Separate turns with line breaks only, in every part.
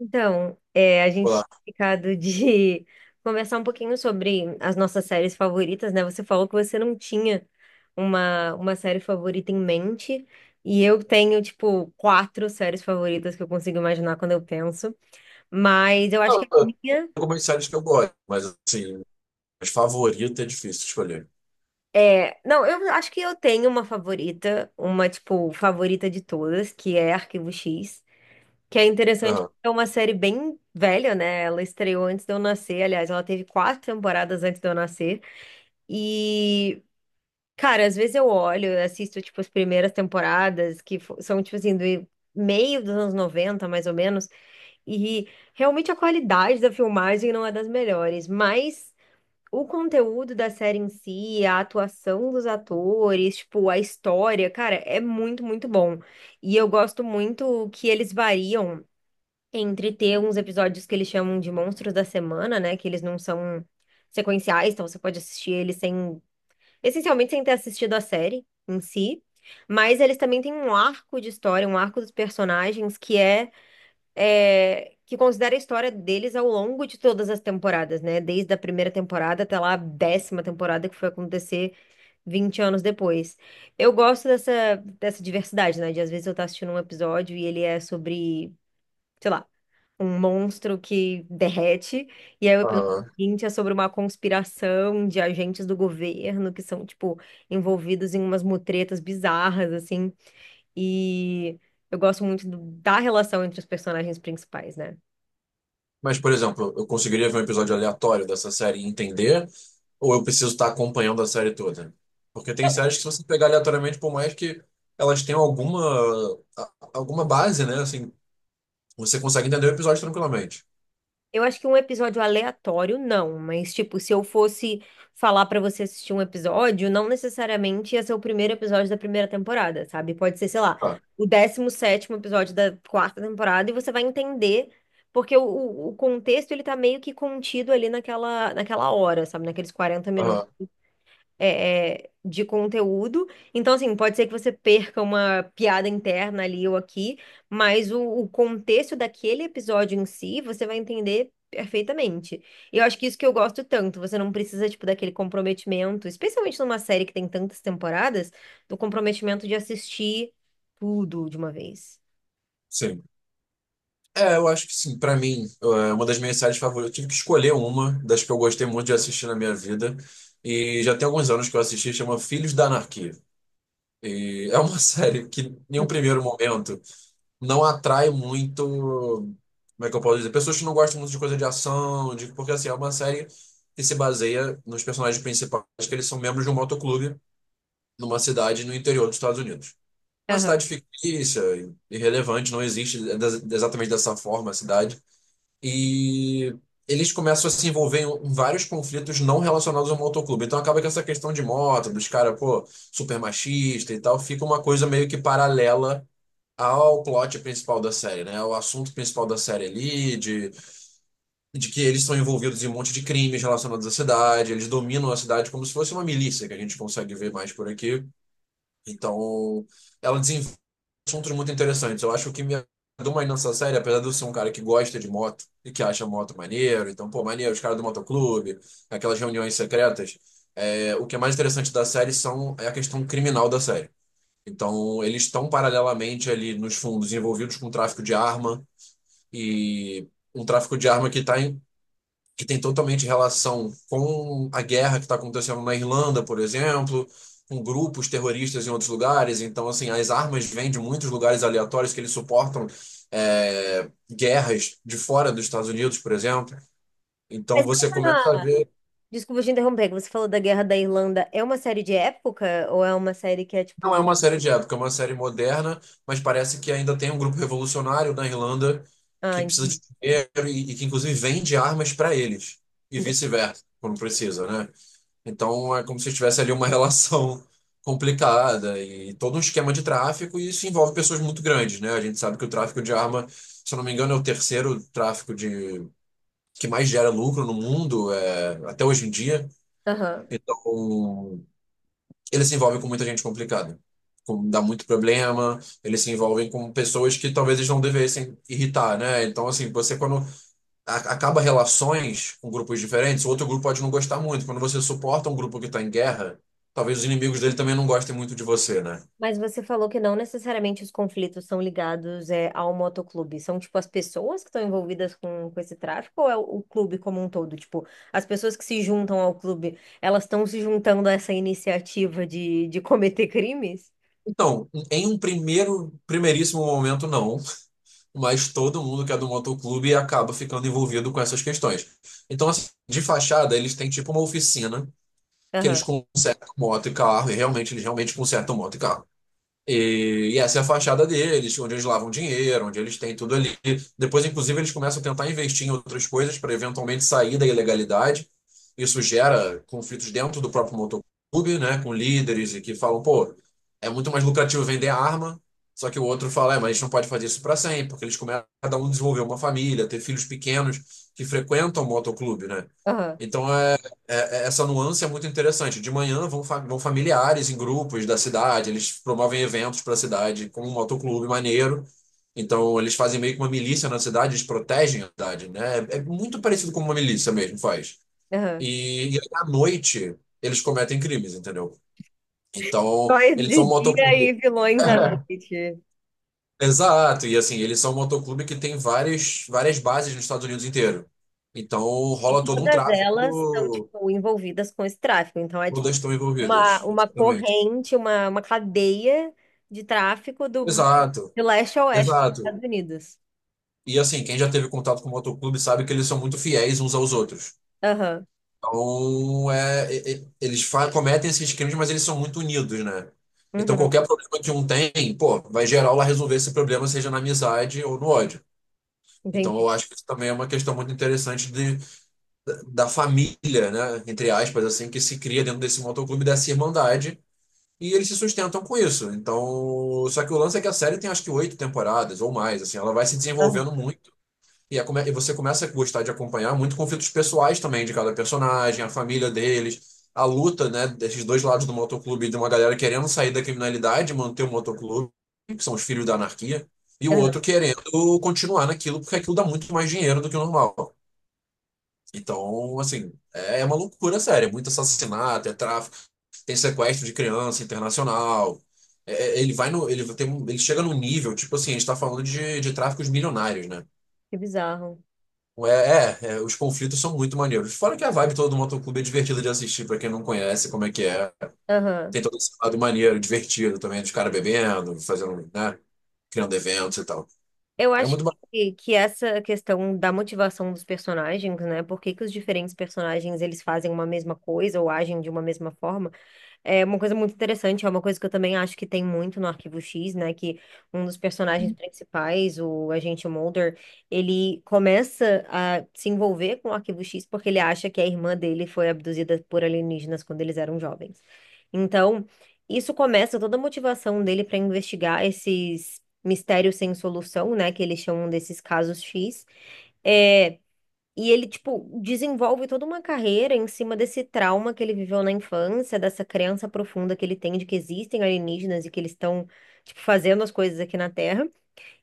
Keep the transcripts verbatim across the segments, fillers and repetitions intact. Então, é, a gente
Olá.
tinha ficado de conversar um pouquinho sobre as nossas séries favoritas, né? Você falou que você não tinha uma, uma série favorita em mente, e eu tenho, tipo, quatro séries favoritas que eu consigo imaginar quando eu penso, mas eu acho
Não,
que a
eu tenho
minha
algumas séries que eu gosto, mas assim, as favoritas é difícil escolher.
é. Não, eu acho que eu tenho uma favorita, uma, tipo, favorita de todas, que é Arquivo X, que é interessante.
Aham,
Porque é uma série bem velha, né? Ela estreou antes de eu nascer. Aliás, ela teve quatro temporadas antes de eu nascer. E, cara, às vezes eu olho, eu assisto, tipo, as primeiras temporadas, que fo- são, tipo assim, do meio dos anos noventa mais ou menos, e realmente a qualidade da filmagem não é das melhores, mas o conteúdo da série em si, a atuação dos atores, tipo, a história, cara, é muito, muito bom. E eu gosto muito que eles variam entre ter uns episódios que eles chamam de monstros da semana, né, que eles não são sequenciais, então você pode assistir eles sem essencialmente sem ter assistido a série em si, mas eles também têm um arco de história, um arco dos personagens que é, é, que considera a história deles ao longo de todas as temporadas, né? Desde a primeira temporada até lá a décima temporada que foi acontecer vinte anos depois. Eu gosto dessa, dessa diversidade, né? De às vezes eu estar assistindo um episódio e ele é sobre sei lá, um monstro que derrete. E aí o episódio
aham.
seguinte é sobre uma conspiração de agentes do governo que são, tipo, envolvidos em umas mutretas bizarras, assim. E eu gosto muito do- da relação entre os personagens principais, né?
Mas, por exemplo, eu conseguiria ver um episódio aleatório dessa série e entender, ou eu preciso estar acompanhando a série toda? Porque tem séries que se você pegar aleatoriamente, por mais que elas tenham alguma, a- alguma base, né? Assim, você consegue entender o episódio tranquilamente.
Eu acho que um episódio aleatório, não, mas tipo, se eu fosse falar pra você assistir um episódio, não necessariamente ia ser o primeiro episódio da primeira temporada, sabe? Pode ser, sei lá,
Ah,
o décimo sétimo episódio da quarta temporada e você vai entender, porque o, o o contexto ele tá meio que contido ali naquela, naquela hora, sabe? Naqueles quarenta minutos
aham,
é, é, de conteúdo. Então, assim, pode ser que você perca uma piada interna ali ou aqui, mas o, o contexto daquele episódio em si, você vai entender perfeitamente. E eu acho que isso que eu gosto tanto, você não precisa, tipo, daquele comprometimento, especialmente numa série que tem tantas temporadas, do comprometimento de assistir tudo de uma vez.
sim. É, eu acho que sim. Pra mim, é uma das minhas séries favoritas. Eu tive que escolher uma das que eu gostei muito de assistir na minha vida. E já tem alguns anos que eu assisti, chama Filhos da Anarquia. E é uma série que, em um
Hum,
primeiro momento, não atrai muito. Como é que eu posso dizer? Pessoas que não gostam muito de coisa de ação, de porque assim, é uma série que se baseia nos personagens principais, que eles são membros de um motoclube numa cidade no interior dos Estados Unidos. Uma
aham.
cidade fictícia, irrelevante, não existe ex- exatamente dessa forma a cidade. E eles começam a se envolver em em vários conflitos não relacionados ao motoclube. Então acaba que essa questão de moto, dos caras, pô, super machista e tal, fica uma coisa meio que paralela ao plot principal da série, né? O assunto principal da série ali, de, de que eles são envolvidos em um monte de crimes relacionados à cidade, eles dominam a cidade como se fosse uma milícia, que a gente consegue ver mais por aqui. Então, ela assuntos muito interessantes. Eu acho que o que me agradou mais nessa série, apesar de eu ser um cara que gosta de moto e que acha moto maneiro, então, pô, maneiro, os caras do motoclube, aquelas reuniões secretas, é, o que é mais interessante da série são, é a questão criminal da série. Então, eles estão paralelamente ali nos fundos envolvidos com tráfico de arma e um tráfico de arma que está que tem totalmente relação com a guerra que está acontecendo na Irlanda, por exemplo, com grupos terroristas em outros lugares. Então, assim, as armas vêm de muitos lugares aleatórios que eles suportam é, guerras de fora dos Estados Unidos, por exemplo. Então
Mas
você
é
começa a
uma-
ver,
Desculpa te interromper, que você falou da Guerra da Irlanda. É uma série de época ou é uma série que é
não é
tipo.
uma série de época, é uma série moderna, mas parece que ainda tem um grupo revolucionário na Irlanda
Ah,
que precisa de
entendi.
dinheiro e, e que inclusive vende armas para eles e
Entendi.
vice-versa, quando precisa, né? Então é como se tivesse ali uma relação complicada e todo um esquema de tráfico, e isso envolve pessoas muito grandes, né? A gente sabe que o tráfico de arma, se eu não me engano, é o terceiro tráfico de que mais gera lucro no mundo, é, até hoje em dia.
Aham.
Então, ele se envolve com muita gente complicada. com- Dá muito problema, eles se envolvem com pessoas que talvez eles não devessem irritar, né? Então, assim, você quando a- acaba relações com grupos diferentes, o outro grupo pode não gostar muito. Quando você suporta um grupo que está em guerra, talvez os inimigos dele também não gostem muito de você, né?
Mas você falou que não necessariamente os conflitos são ligados é, ao motoclube. São, tipo, as pessoas que estão envolvidas com, com esse tráfico ou é o, o clube como um todo? Tipo, as pessoas que se juntam ao clube, elas estão se juntando a essa iniciativa de, de cometer crimes?
Então, em um primeiro, primeiríssimo momento, não, mas todo mundo que é do motoclube acaba ficando envolvido com essas questões. Então, assim, de fachada, eles têm tipo uma oficina que eles
Aham,
consertam moto e carro, e realmente, eles realmente consertam moto e carro. E, e essa é a fachada deles, onde eles lavam dinheiro, onde eles têm tudo ali. Depois, inclusive, eles começam a tentar investir em outras coisas para eventualmente sair da ilegalidade. Isso gera conflitos dentro do próprio motoclube, né, com líderes e que falam, pô, é muito mais lucrativo vender arma. Só que o outro fala, é, mas a gente não pode fazer isso para sempre, porque eles começam a cada um desenvolver uma família, ter filhos pequenos que frequentam o motoclube, né?
aham,
Então é, é- é- essa nuance é muito interessante. De manhã vão, fa- vão familiares em grupos da cidade, eles promovem eventos para a cidade, como um motoclube maneiro. Então, eles fazem meio que uma milícia na cidade, eles protegem a cidade, né? É é muito parecido com uma milícia mesmo, faz.
aham.
E, e aí, à noite, eles cometem crimes, entendeu? Então,
Heróis
eles
de
são um
dia
motoclube.
e vilões à noite.
Exato, e assim, eles são um motoclube que tem várias, várias bases nos Estados Unidos inteiro. Então,
E
rola todo um
todas elas estão,
tráfico,
tipo, envolvidas com esse tráfico. Então, é,
todas estão
uma,
envolvidas.
uma
Exatamente.
corrente, uma, uma cadeia de tráfico do,
Exato,
de leste a oeste dos
exato.
Estados Unidos.
E assim, quem já teve contato com o motoclube sabe que eles são muito fiéis uns aos outros.
Aham,
Então, é, e- e- eles fa- cometem esses crimes, mas eles são muito unidos, né? Então,
uhum,
qualquer problema que um tem, pô, vai geral lá resolver esse problema, seja na amizade ou no ódio. Então,
entendi.
eu acho que isso também é uma questão muito interessante de, da família, né? Entre aspas, assim, que se cria dentro desse motoclube, dessa irmandade. E eles se sustentam com isso. Então, só que o lance é que a série tem acho que oito temporadas ou mais, assim, ela vai se
Aham,
desenvolvendo muito. E, é come- e você começa a gostar de acompanhar muito conflitos pessoais também de cada personagem, a família deles, a luta, né, desses dois lados do motoclube, de uma galera querendo sair da criminalidade, manter o motoclube, que são os filhos da anarquia, e o
aham,
outro querendo continuar naquilo, porque aquilo dá muito mais dinheiro do que o normal. Então, assim, é é uma loucura séria, é muito assassinato, é tráfico, tem sequestro de criança internacional. É, é, ele vai no, ele tem, um- ele chega num nível, tipo assim, a gente tá falando de, de tráficos milionários, né?
que bizarro.
É, é, é, os conflitos são muito maneiros. Fora que a vibe toda do motoclube é divertida de assistir, pra quem não conhece como é que é. Tem
Aham.
todo esse lado maneiro, divertido também, dos caras bebendo, fazendo, né? Criando eventos e tal.
Eu
É
acho
muito bacana.
que, que essa questão da motivação dos personagens, né? Por que que os diferentes personagens eles fazem uma mesma coisa ou agem de uma mesma forma? É uma coisa muito interessante, é uma coisa que eu também acho que tem muito no Arquivo X, né? Que um dos personagens principais, o agente Mulder, ele começa a se envolver com o Arquivo X porque ele acha que a irmã dele foi abduzida por alienígenas quando eles eram jovens. Então, isso começa toda a motivação dele para investigar esses mistérios sem solução, né? Que eles chamam desses casos X. é e ele, tipo, desenvolve toda uma carreira em cima desse trauma que ele viveu na infância, dessa crença profunda que ele tem de que existem alienígenas e que eles estão, tipo, fazendo as coisas aqui na Terra.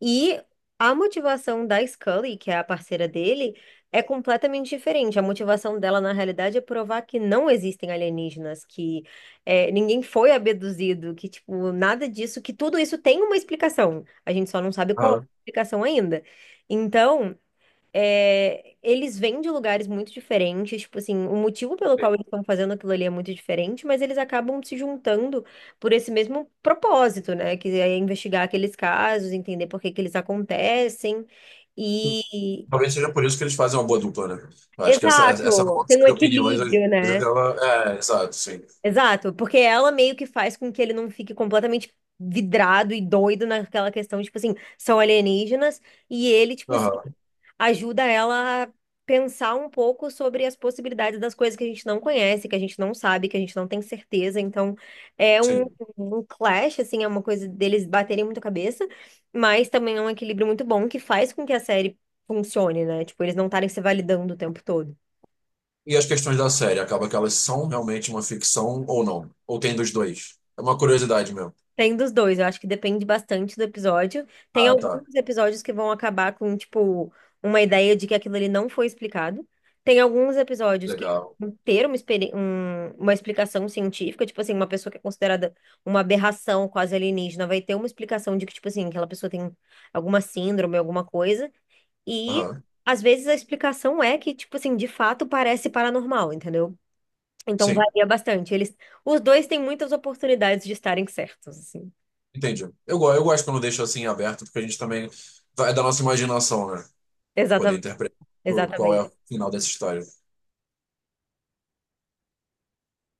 E a motivação da Scully, que é a parceira dele, é completamente diferente. A motivação dela, na realidade, é provar que não existem alienígenas, que é, ninguém foi abduzido, que, tipo, nada disso, que tudo isso tem uma explicação. A gente só não sabe qual é a
Aham.
explicação ainda. Então. É, eles vêm de lugares muito diferentes, tipo assim, o motivo pelo qual eles estão fazendo aquilo ali é muito diferente, mas eles acabam se juntando por esse mesmo propósito, né? Que é investigar aqueles casos, entender por que que eles acontecem e...
Talvez seja por isso que eles fazem uma boa dupla, né? Eu acho que essa, essa
Exato, tem
força
um
de opiniões, às
equilíbrio,
vezes,
né?
ela. É, exato, sim.
Exato, porque ela meio que faz com que ele não fique completamente vidrado e doido naquela questão, tipo assim, são alienígenas, e ele, tipo assim,
Aham,
ajuda ela a pensar um pouco sobre as possibilidades das coisas que a gente não conhece, que a gente não sabe, que a gente não tem certeza. Então, é um,
sim.
um clash, assim, é uma coisa deles baterem muito a cabeça, mas também é um equilíbrio muito bom que faz com que a série funcione, né? Tipo, eles não estarem se validando o tempo todo.
E as questões da série, acaba que elas são realmente uma ficção ou não? Ou tem dos dois? É uma curiosidade mesmo.
Tem dos dois, eu acho que depende bastante do episódio. Tem
Ah, tá.
alguns episódios que vão acabar com, tipo, uma ideia de que aquilo ali não foi explicado. Tem alguns episódios que
Legal.
vão ter uma, experi- um- uma explicação científica, tipo assim, uma pessoa que é considerada uma aberração quase alienígena vai ter uma explicação de que, tipo assim, aquela pessoa tem alguma síndrome, alguma coisa. E
Aham,
às vezes a explicação é que, tipo assim, de fato parece paranormal, entendeu? Então
sim.
varia bastante. Eles, os dois têm muitas oportunidades de estarem certos, assim.
Entendi. Eu, go- eu gosto quando deixa assim aberto, porque a gente também vai é da nossa imaginação, né? Poder
Exatamente,
interpretar o- qual é
exatamente.
o final dessa história.